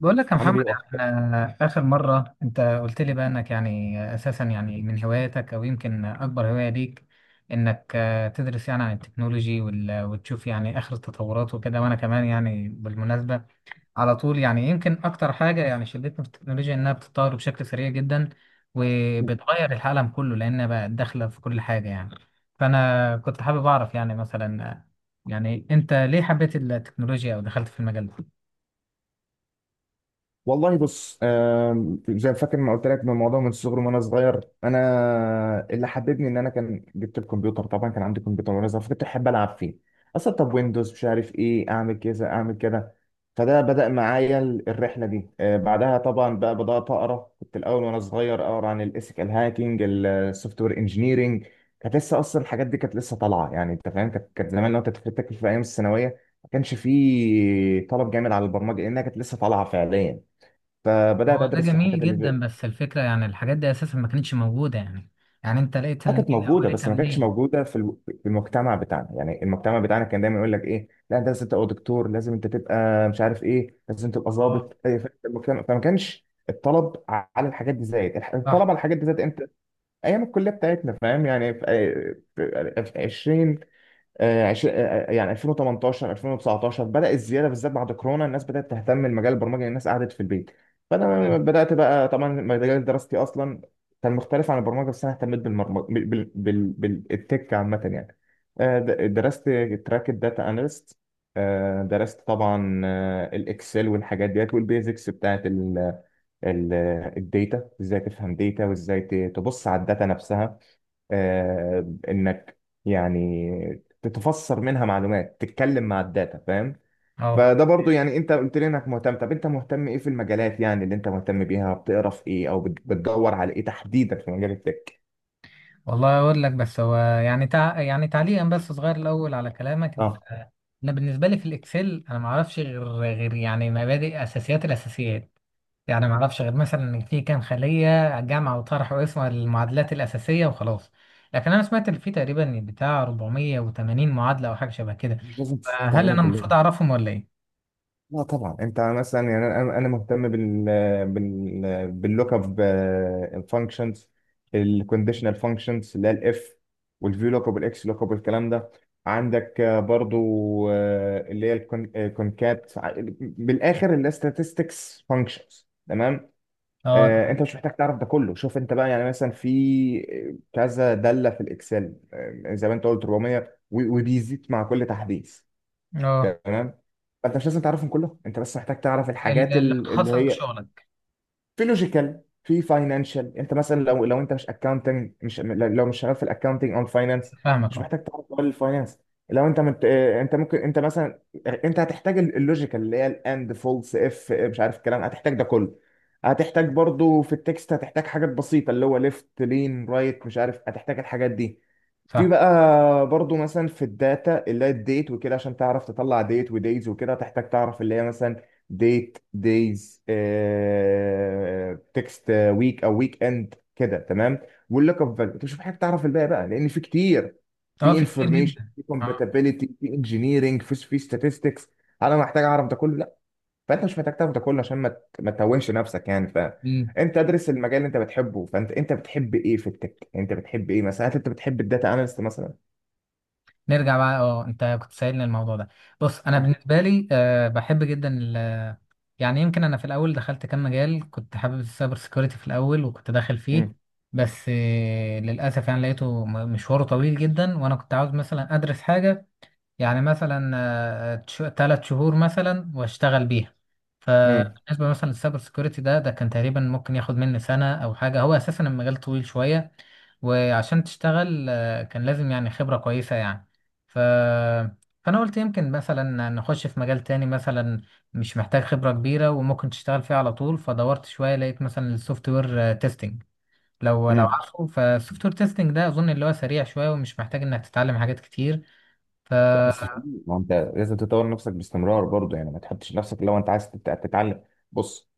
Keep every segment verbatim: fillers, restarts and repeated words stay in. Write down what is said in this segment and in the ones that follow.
بقول لك يا عامل محمد، ايه اكتر. احنا آخر مرة انت قلت لي بقى انك يعني اساسا يعني من هواياتك او يمكن اكبر هواية ليك انك آه، تدرس يعني عن التكنولوجي وال- وتشوف يعني اخر التطورات وكده. وانا كمان يعني بالمناسبة على طول، يعني يمكن اكتر حاجة يعني شدتني في التكنولوجيا انها بتتطور بشكل سريع جدا وبتغير العالم كله، لانها بقى داخلة في كل حاجة يعني. فانا كنت حابب اعرف يعني مثلا آه، يعني انت ليه حبيت التكنولوجيا او دخلت في المجال ده؟ والله بص، آم، زي فاكر ما قلت لك، من الموضوع من الصغر. وانا صغير انا اللي حببني ان انا كان جبت الكمبيوتر. طبعا كان عندي كمبيوتر وانا صغير، فكنت احب العب فيه اصلا. طب ويندوز مش عارف ايه، اعمل كذا اعمل كده. فده بدأ معايا ال- الرحله دي. آه، بعدها طبعا بقى بدأت اقرا، كنت الاول وانا صغير اقرا عن الايثيكال هاكينج، السوفت وير انجينيرنج. كانت لسه اصلا الحاجات دي كانت لسه طالعه، يعني انت فاهم كانت كانت زمان لو انت تفتكر في ايام الثانويه ما كانش فيه طلب جامد على البرمجه لانها كانت لسه طالعه فعليا، فبدات هو ده ادرس في جميل الحاجات اللي جدا، بس الفكرة يعني الحاجات دي أساسا ما كانتش موجودة يعني يعني أنت لقيتها ما كانت منين أو موجوده. قريتها بس ما كانتش منين؟ موجوده في الو- في المجتمع بتاعنا. يعني المجتمع بتاعنا كان دايما يقول لك ايه، لا انت لازم تبقى دكتور، لازم انت تبقى مش عارف ايه، لازم تبقى أه. ضابط، إيه، ف- المجتمع، فما كانش الطلب على الحاجات دي زايد، الح- الطلب صح. على الحاجات دي زايد امتى؟ ايام الكليه بتاعتنا فاهم، يعني في في- في عشرين، آه، عش- آه، آه، يعني ألفين وتمنتاشر ألفين وتسعتاشر بدأ الزيادة، بالذات بعد كورونا الناس بدأت تهتم بمجال البرمجة، لأن الناس قعدت في البيت. فأنا فعلا. بدأت بقى، طبعا مجال دراستي أصلا كان مختلف عن البرمجة، بس أنا اهتميت بالبرمجة بال... بال... بال... بالتك عامة يعني. آه، د- درست تراك الداتا أناليست، درست طبعا آه، الإكسل والحاجات ديت والبيزكس بتاعت ال... ال- الداتا، ازاي تفهم داتا وازاي ت- تبص على الداتا نفسها، آه، انك يعني تتفسر منها معلومات، تتكلم مع الداتا، فاهم؟ أه، فده برضو يعني انت قلت لي انك مهتم، طب انت مهتم ايه في المجالات، يعني اللي انت مهتم بيها بتقرا في ايه او بت- بتدور على ايه تحديدا في مجال التك؟ والله أقول لك. بس هو يعني تع... يعني تعليقا بس صغير الأول على كلامك اه. أنت-. أنا بالنسبة لي في الإكسل أنا ما أعرفش غير غير يعني مبادئ أساسيات الأساسيات، يعني ما اعرفش غير مثلا ان في كام خليه جمع وطرح واسم المعادلات الاساسيه وخلاص. لكن انا سمعت ان في تقريبا بتاع اربعمية وتمانين معادله او حاجه شبه كده. مش لازم فهل تستعملهم انا المفروض كلهم. اعرفهم ولا ايه؟ لا طبعا، انت مثلا يعني انا، انا مهتم بال بال باللوك اب فانكشنز، الكونديشنال فانكشنز اللي هي الاف، والفيو لوك اب والاكس لوك اب والكلام ده. عندك آه، برضو آه، اللي هي الكونكات، بالاخر اللي هي statistics فانكشنز، تمام؟ آه، اه انت مش محتاج تعرف ده كله، شوف انت بقى يعني، مثلا في كذا داله في الاكسل، آه، زي ما انت قلت أربعمية، و- وبيزيد مع كل تحديث. اه تمام؟ فانت مش لازم تعرفهم كلهم، انت بس محتاج تعرف ال- الحاجات اللي ال- اللي تخصص هي بشغلك. في لوجيكال، في فاينانشال. انت مثلا لو لو انت مش اكاونتنج، مش لو مش شغال في الاكاونتنج او الفاينانس فاهمك. مش اه، محتاج تعرف كل الفاينانس. لو انت مت... اه، انت ممكن، انت مثلا انت هتحتاج ال- اللوجيكال اللي هي الاند، فولس، اف، مش عارف الكلام، هتحتاج ده كله. هتحتاج برضو في التكست هتحتاج حاجات بسيطة، اللي هو ليفت، لين، رايت، مش عارف، هتحتاج الحاجات دي. في فاهم. بقى برضو مثلا في الداتا اللي هي الديت وكده، عشان تعرف تطلع ديت ودايز وكده تحتاج تعرف اللي هي مثلا ديت، دايز، تكست، ويك او ويك اند كده، تمام؟ واللوك اب فاليو. انت مش محتاج تعرف الباقي بقى لان في كتير، اه، في في كتير انفورميشن، جدا. في اه. كومباتيبيليتي، في انجينيرنج، في في ستاتستكس. انا محتاج اعرف ده كله؟ لا. فانت مش محتاج تعرف ده كله، عشان ما ت- ما تتوهش نفسك يعني. مم. فانت ادرس المجال اللي انت بتحبه. فانت انت بتحب ايه في التك؟ انت بتحب ايه مثلا، هل انت بتحب الداتا اناليست مثلا؟ نرجع بقى. اه، انت كنت سائلني الموضوع ده. بص، انا بالنسبه لي أه بحب جدا ال- يعني يمكن انا في الاول دخلت كام مجال. كنت حابب السايبر سيكيورتي في الاول وكنت داخل فيه، امم بس آه، للاسف يعني لقيته م- مشواره طويل جدا، وانا كنت عاوز مثلا ادرس حاجه يعني مثلا ثلاث شهور مثلا واشتغل بيها. امم فبالنسبة مثلا للسايبر سيكوريتي ده ده كان تقريبا ممكن ياخد مني سنة أو حاجة. هو أساسا المجال طويل شوية، وعشان تشتغل آه، كان لازم يعني خبرة كويسة يعني. ف... فأنا قلت يمكن مثلا نخش في مجال تاني مثلا مش محتاج خبرة كبيرة وممكن تشتغل فيه على طول. فدورت شوية لقيت مثلا السوفت وير تيستنج. لو لو امم عارفه، فالسوفت وير تيستنج ده أظن اللي هو سريع شوية ومش محتاج إنك تتعلم حاجات كتير. لا بس في، ما انت لازم تطور نفسك باستمرار برضه يعني، ما تحطش نفسك. لو انت عايز تت- تتعلم، بص،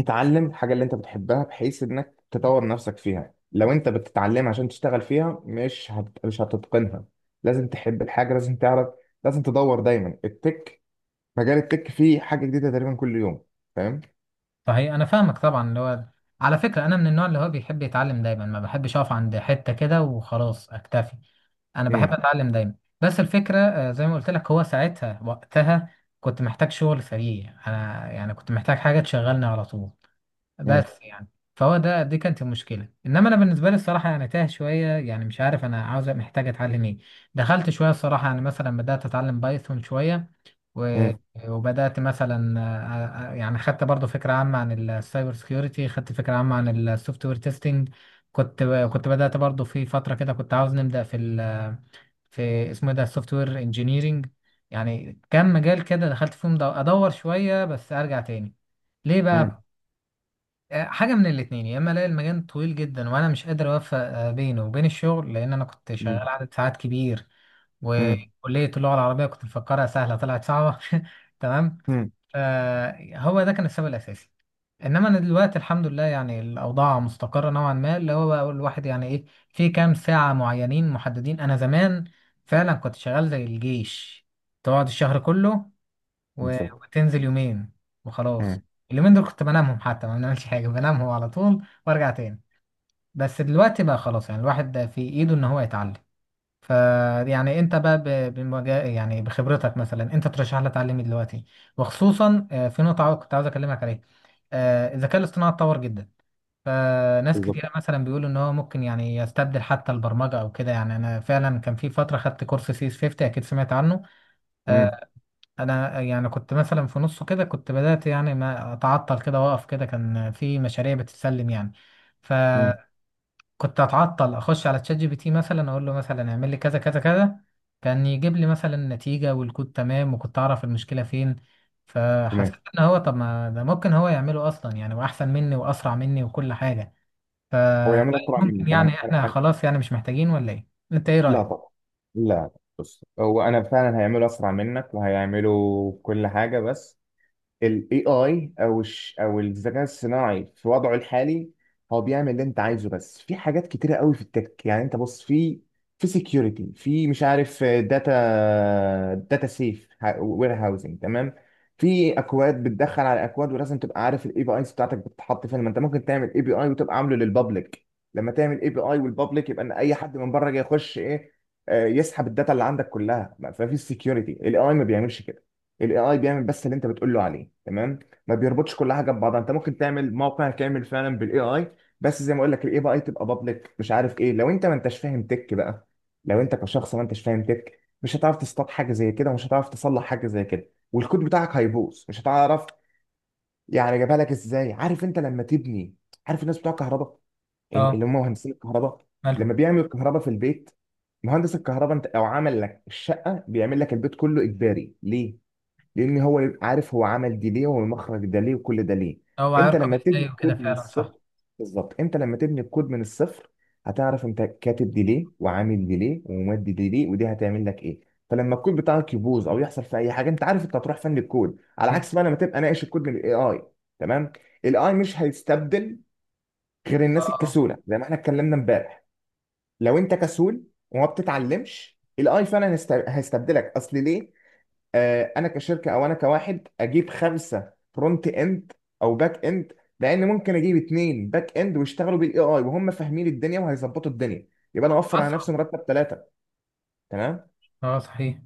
اتعلم الحاجه اللي انت بتحبها، بحيث انك تطور نفسك فيها. لو انت بتتعلم عشان تشتغل فيها، مش هت... مش هتتقنها. لازم تحب الحاجه، لازم تعرف، لازم تدور دايما. التك، مجال التك فيه حاجه جديده تقريبا كل يوم، فاهم؟ صحيح، انا فاهمك طبعا. اللي هو على فكره انا من النوع اللي هو بيحب يتعلم دايما، ما بحبش اقف عند حته كده وخلاص اكتفي. انا بحب امم اتعلم دايما. بس الفكره آه، زي ما قلت لك، هو ساعتها وقتها كنت محتاج شغل سريع، انا يعني كنت محتاج حاجه تشغلني على طول. امم بس يعني فهو ده دي كانت المشكله. انما انا بالنسبه لي الصراحه يعني تاه شويه، يعني مش عارف انا عاوز محتاج اتعلم ايه. دخلت شويه الصراحه، يعني مثلا بدات اتعلم بايثون شويه و- امم وبدات مثلا آه، آه، آه، يعني خدت برضو فكره عامه عن السايبر سكيورتي، خدت فكره عامه عن السوفت وير تيستنج. كنت كنت بدات برضو في فتره كده، كنت عاوز نبدا في ال في اسمه إيه ده السوفت وير انجينيرنج. يعني كام مجال كده دخلت فيهم دو- ادور شويه بس ارجع تاني. ليه امم بقى؟ آه، حاجة من الاتنين، يا إما ألاقي المجال طويل جدا وأنا مش قادر أوفق آه، بينه وبين الشغل لأن أنا كنت امم شغال عدد ساعات كبير امم وكلية اللغة العربية كنت مفكرها سهلة طلعت صعبة تمام. امم فهو ده كان السبب الأساسي. إنما أنا دلوقتي الحمد لله يعني الأوضاع مستقرة نوعا ما، اللي هو بقى الواحد يعني إيه، في كام ساعة معينين محددين. أنا زمان فعلا كنت شغال زي الجيش، تقعد الشهر كله و- بالظبط. وتنزل يومين وخلاص. امم اليومين دول كنت بنامهم، حتى ما بنعملش حاجة، بنامهم على طول وارجع تاني. بس دلوقتي بقى خلاص، يعني الواحد ده في ايده ان هو يتعلم. ف يعني انت بقى ب- بمجا... يعني بخبرتك مثلا انت ترشح لي اتعلم إيه دلوقتي؟ وخصوصا آه، في نقطة كنت عاوز اكلمك عليها. آه، الذكاء الاصطناعي اتطور جدا، فناس بالظبط. كتيرة مثلا بيقولوا ان هو ممكن يعني يستبدل حتى البرمجة او كده. يعني انا فعلا كان في فترة خدت كورس سي اس خمسين، اكيد سمعت عنه. امم آه، انا يعني كنت مثلا في نصه كده كنت بدأت. يعني ما اتعطل كده واقف كده، كان في مشاريع بتتسلم يعني. امم فكنت اتعطل اخش على تشات جي بي تي مثلا، اقول له مثلا اعمل لي كذا كذا كذا. كان يجيب لي مثلا نتيجة والكود تمام، وكنت اعرف المشكلة فين. فحسيت تمام. ان هو طب ما ده ممكن هو يعمله اصلا يعني، واحسن مني واسرع مني وكل حاجة. هو يعمل اسرع فممكن منك؟ يعني انا احنا أنا- أنا- خلاص يعني مش محتاجين، ولا ايه؟ انت ايه لا رأيك؟ طبعا، لا. بص هو انا فعلا هيعمله اسرع منك وهيعمله كل حاجه، بس ال A I او الش او الذكاء الصناعي في وضعه الحالي هو بيعمل اللي انت عايزه. بس في حاجات كتيره قوي في التك يعني، انت بص في، في سكيورتي، في مش عارف داتا، داتا سيف وير هاوسنج، تمام؟ في اكواد بتدخل على اكواد، ولازم تبقى عارف الاي بي ايز بتاعتك بتتحط فين. ما انت ممكن تعمل اي بي اي وتبقى عامله للبابليك، لما تعمل اي بي اي والبابليك يبقى ان اي حد من بره جاي يخش، ايه، آه، يسحب الداتا اللي عندك كلها. ففي السكيورتي الاي ما بيعملش كده. الاي اي بيعمل بس اللي انت بتقول له عليه، تمام؟ ما بيربطش كل حاجه ببعضها. انت ممكن تعمل موقع كامل فعلا بالاي اي، بس زي ما اقول لك الاي اي تبقى بابليك مش عارف ايه. لو انت ما انتش فاهم تك بقى، لو انت كشخص ما انتش فاهم تك مش هتعرف تصطاد حاجه زي كده، ومش هتعرف تصلح حاجه زي كده، والكود بتاعك هيبوظ مش هتعرف يعني جابها لك ازاي. عارف انت لما تبني، عارف الناس بتوع كهرباء اه، اللي هم مهندسين الكهرباء، ماله. لما بيعملوا الكهرباء في البيت، مهندس الكهرباء انت او عمل لك الشقه بيعمل لك البيت كله اجباري، ليه؟ لان هو يبقى عارف هو عمل دي ليه، والمخرج ده ليه، وكل ده ليه. هو انت هيركب لما تبني ازاي وكده، الكود من فعلا الصفر، صح. بالظبط انت لما تبني الكود من الصفر هتعرف انت كاتب دي ليه، وعامل دي ليه، ومودي دي ليه، ودي هتعمل لك ايه. فلما الكود بتاعك يبوظ او يحصل في اي حاجه، انت عارف انت هتروح فن الكود، على صحيح. عكس بقى لما تبقى ناقش الكود من الاي اي، تمام؟ الاي مش هيستبدل غير اه. الناس آه. الكسوله، زي ما احنا اتكلمنا امبارح. لو انت كسول وما بتتعلمش الاي فعلا هيست- هيستبدلك. اصل ليه، آه، انا كشركه او انا كواحد اجيب خمسه فرونت اند او باك اند، لان ممكن اجيب اتنين باك اند ويشتغلوا بالاي اي وهم فاهمين الدنيا وهيظبطوا الدنيا، يبقى انا اوفر على نفسي اسرع. مرتب ثلاثه. تمام؟ اه صحيح،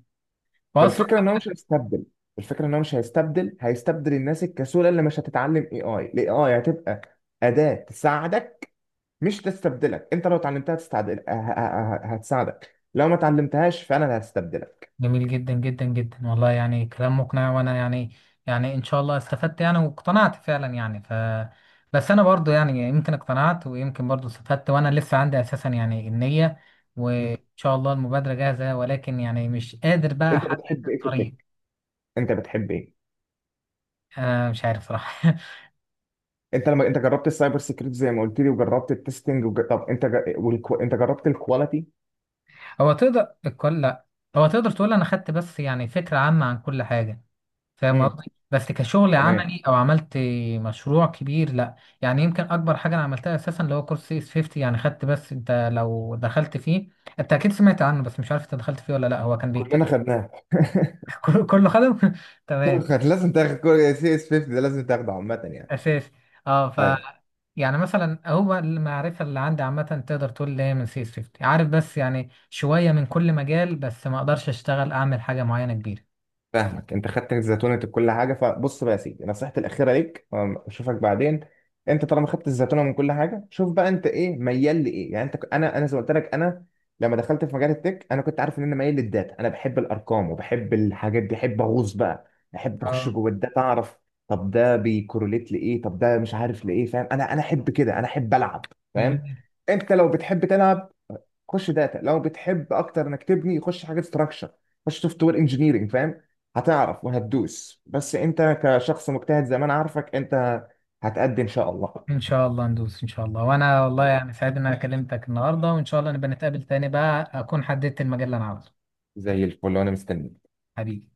واسرع. فالفكره ان هو مش هيستبدل، الفكره ان هو مش هيستبدل، هيستبدل الناس الكسوله اللي مش هتتعلم اي اي. الاي اي هتبقى اداه تساعدك مش تستبدلك. انت لو اتعلمتها تستعدل ه- ه- ه- هتساعدك، لو ما اتعلمتهاش فانا اللي هستبدلك. جميل جدا جدا جدا، والله يعني كلام مقنع. وانا يعني يعني ان شاء الله استفدت يعني واقتنعت فعلا يعني. ف بس انا برضو يعني يمكن اقتنعت ويمكن برضو استفدت، وانا لسه عندي اساسا يعني النية، وان شاء الله المبادرة جاهزة، ولكن يعني مش قادر بقى انت احدد بتحب ايه في الطريق. التك؟ انت بتحب ايه؟ انا مش عارف صراحة. انت لما انت جربت السايبر سيكيورتي زي ما قلت لي، وجربت التستنج وج... طب انت ج... والكو... انت جربت الكواليتي؟ هو تقدر الكل، لا. هو تقدر تقول انا خدت بس يعني فكرة عامة عن كل حاجة، فاهم امم قصدي؟ بس كشغل تمام. عملي او عملت مشروع كبير، لا. يعني يمكن اكبر حاجه انا عملتها اساسا اللي هو كورس سي اس خمسين. يعني خدت بس. انت لو دخلت فيه، انت اكيد سمعت عنه، بس مش عارف انت دخلت فيه ولا لا. هو كان كلنا بيتكلم خدناه كله كله خدم كله تمام. خد- لازم تاخد. سي اس خمسين ده لازم تاخده عامه يعني، اساسي. اه ف ايوه. يعني مثلا هو المعرفه اللي عندي عامه، تقدر تقول اللي هي من سي اس خمسين، عارف؟ بس يعني شويه من كل مجال، بس ما اقدرش اشتغل اعمل حاجه معينه كبيره. فاهمك، انت خدت الزيتونه كل حاجه. فبص بقى يا سيدي، نصيحتي الاخيره ليك، أم، اشوفك بعدين. انت طالما خدت الزيتونه من كل حاجه، شوف بقى انت ايه ميال لايه. يعني انت ك- انا، انا زي ما قلت لك، انا لما دخلت في مجال التك انا كنت عارف ان انا ميال للداتا. انا بحب الارقام وبحب الحاجات دي، احب اغوص بقى، احب اخش اه. جوه الداتا، اعرف طب ده بيكورليت لايه، طب ده مش عارف لايه، فاهم؟ انا انا احب كده، انا احب العب، فاهم؟ جميل. انت لو بتحب تلعب خش داتا، لو بتحب اكتر انك تبني خش حاجه ستراكشر، خش سوفت وير انجينيرنج، فاهم؟ هتعرف وهتدوس، بس انت كشخص مجتهد زي ما انا عارفك، انت هتأدي ان شاء الله. ان شاء الله ندوس ان شاء الله. وانا والله والله يعني سعيد ان انا كلمتك النهارده، وان شاء الله نبقى نتقابل تاني بقى اكون حددت المجال اللي انا عاوزه. زي الفل، وانا مستني. حبيبي.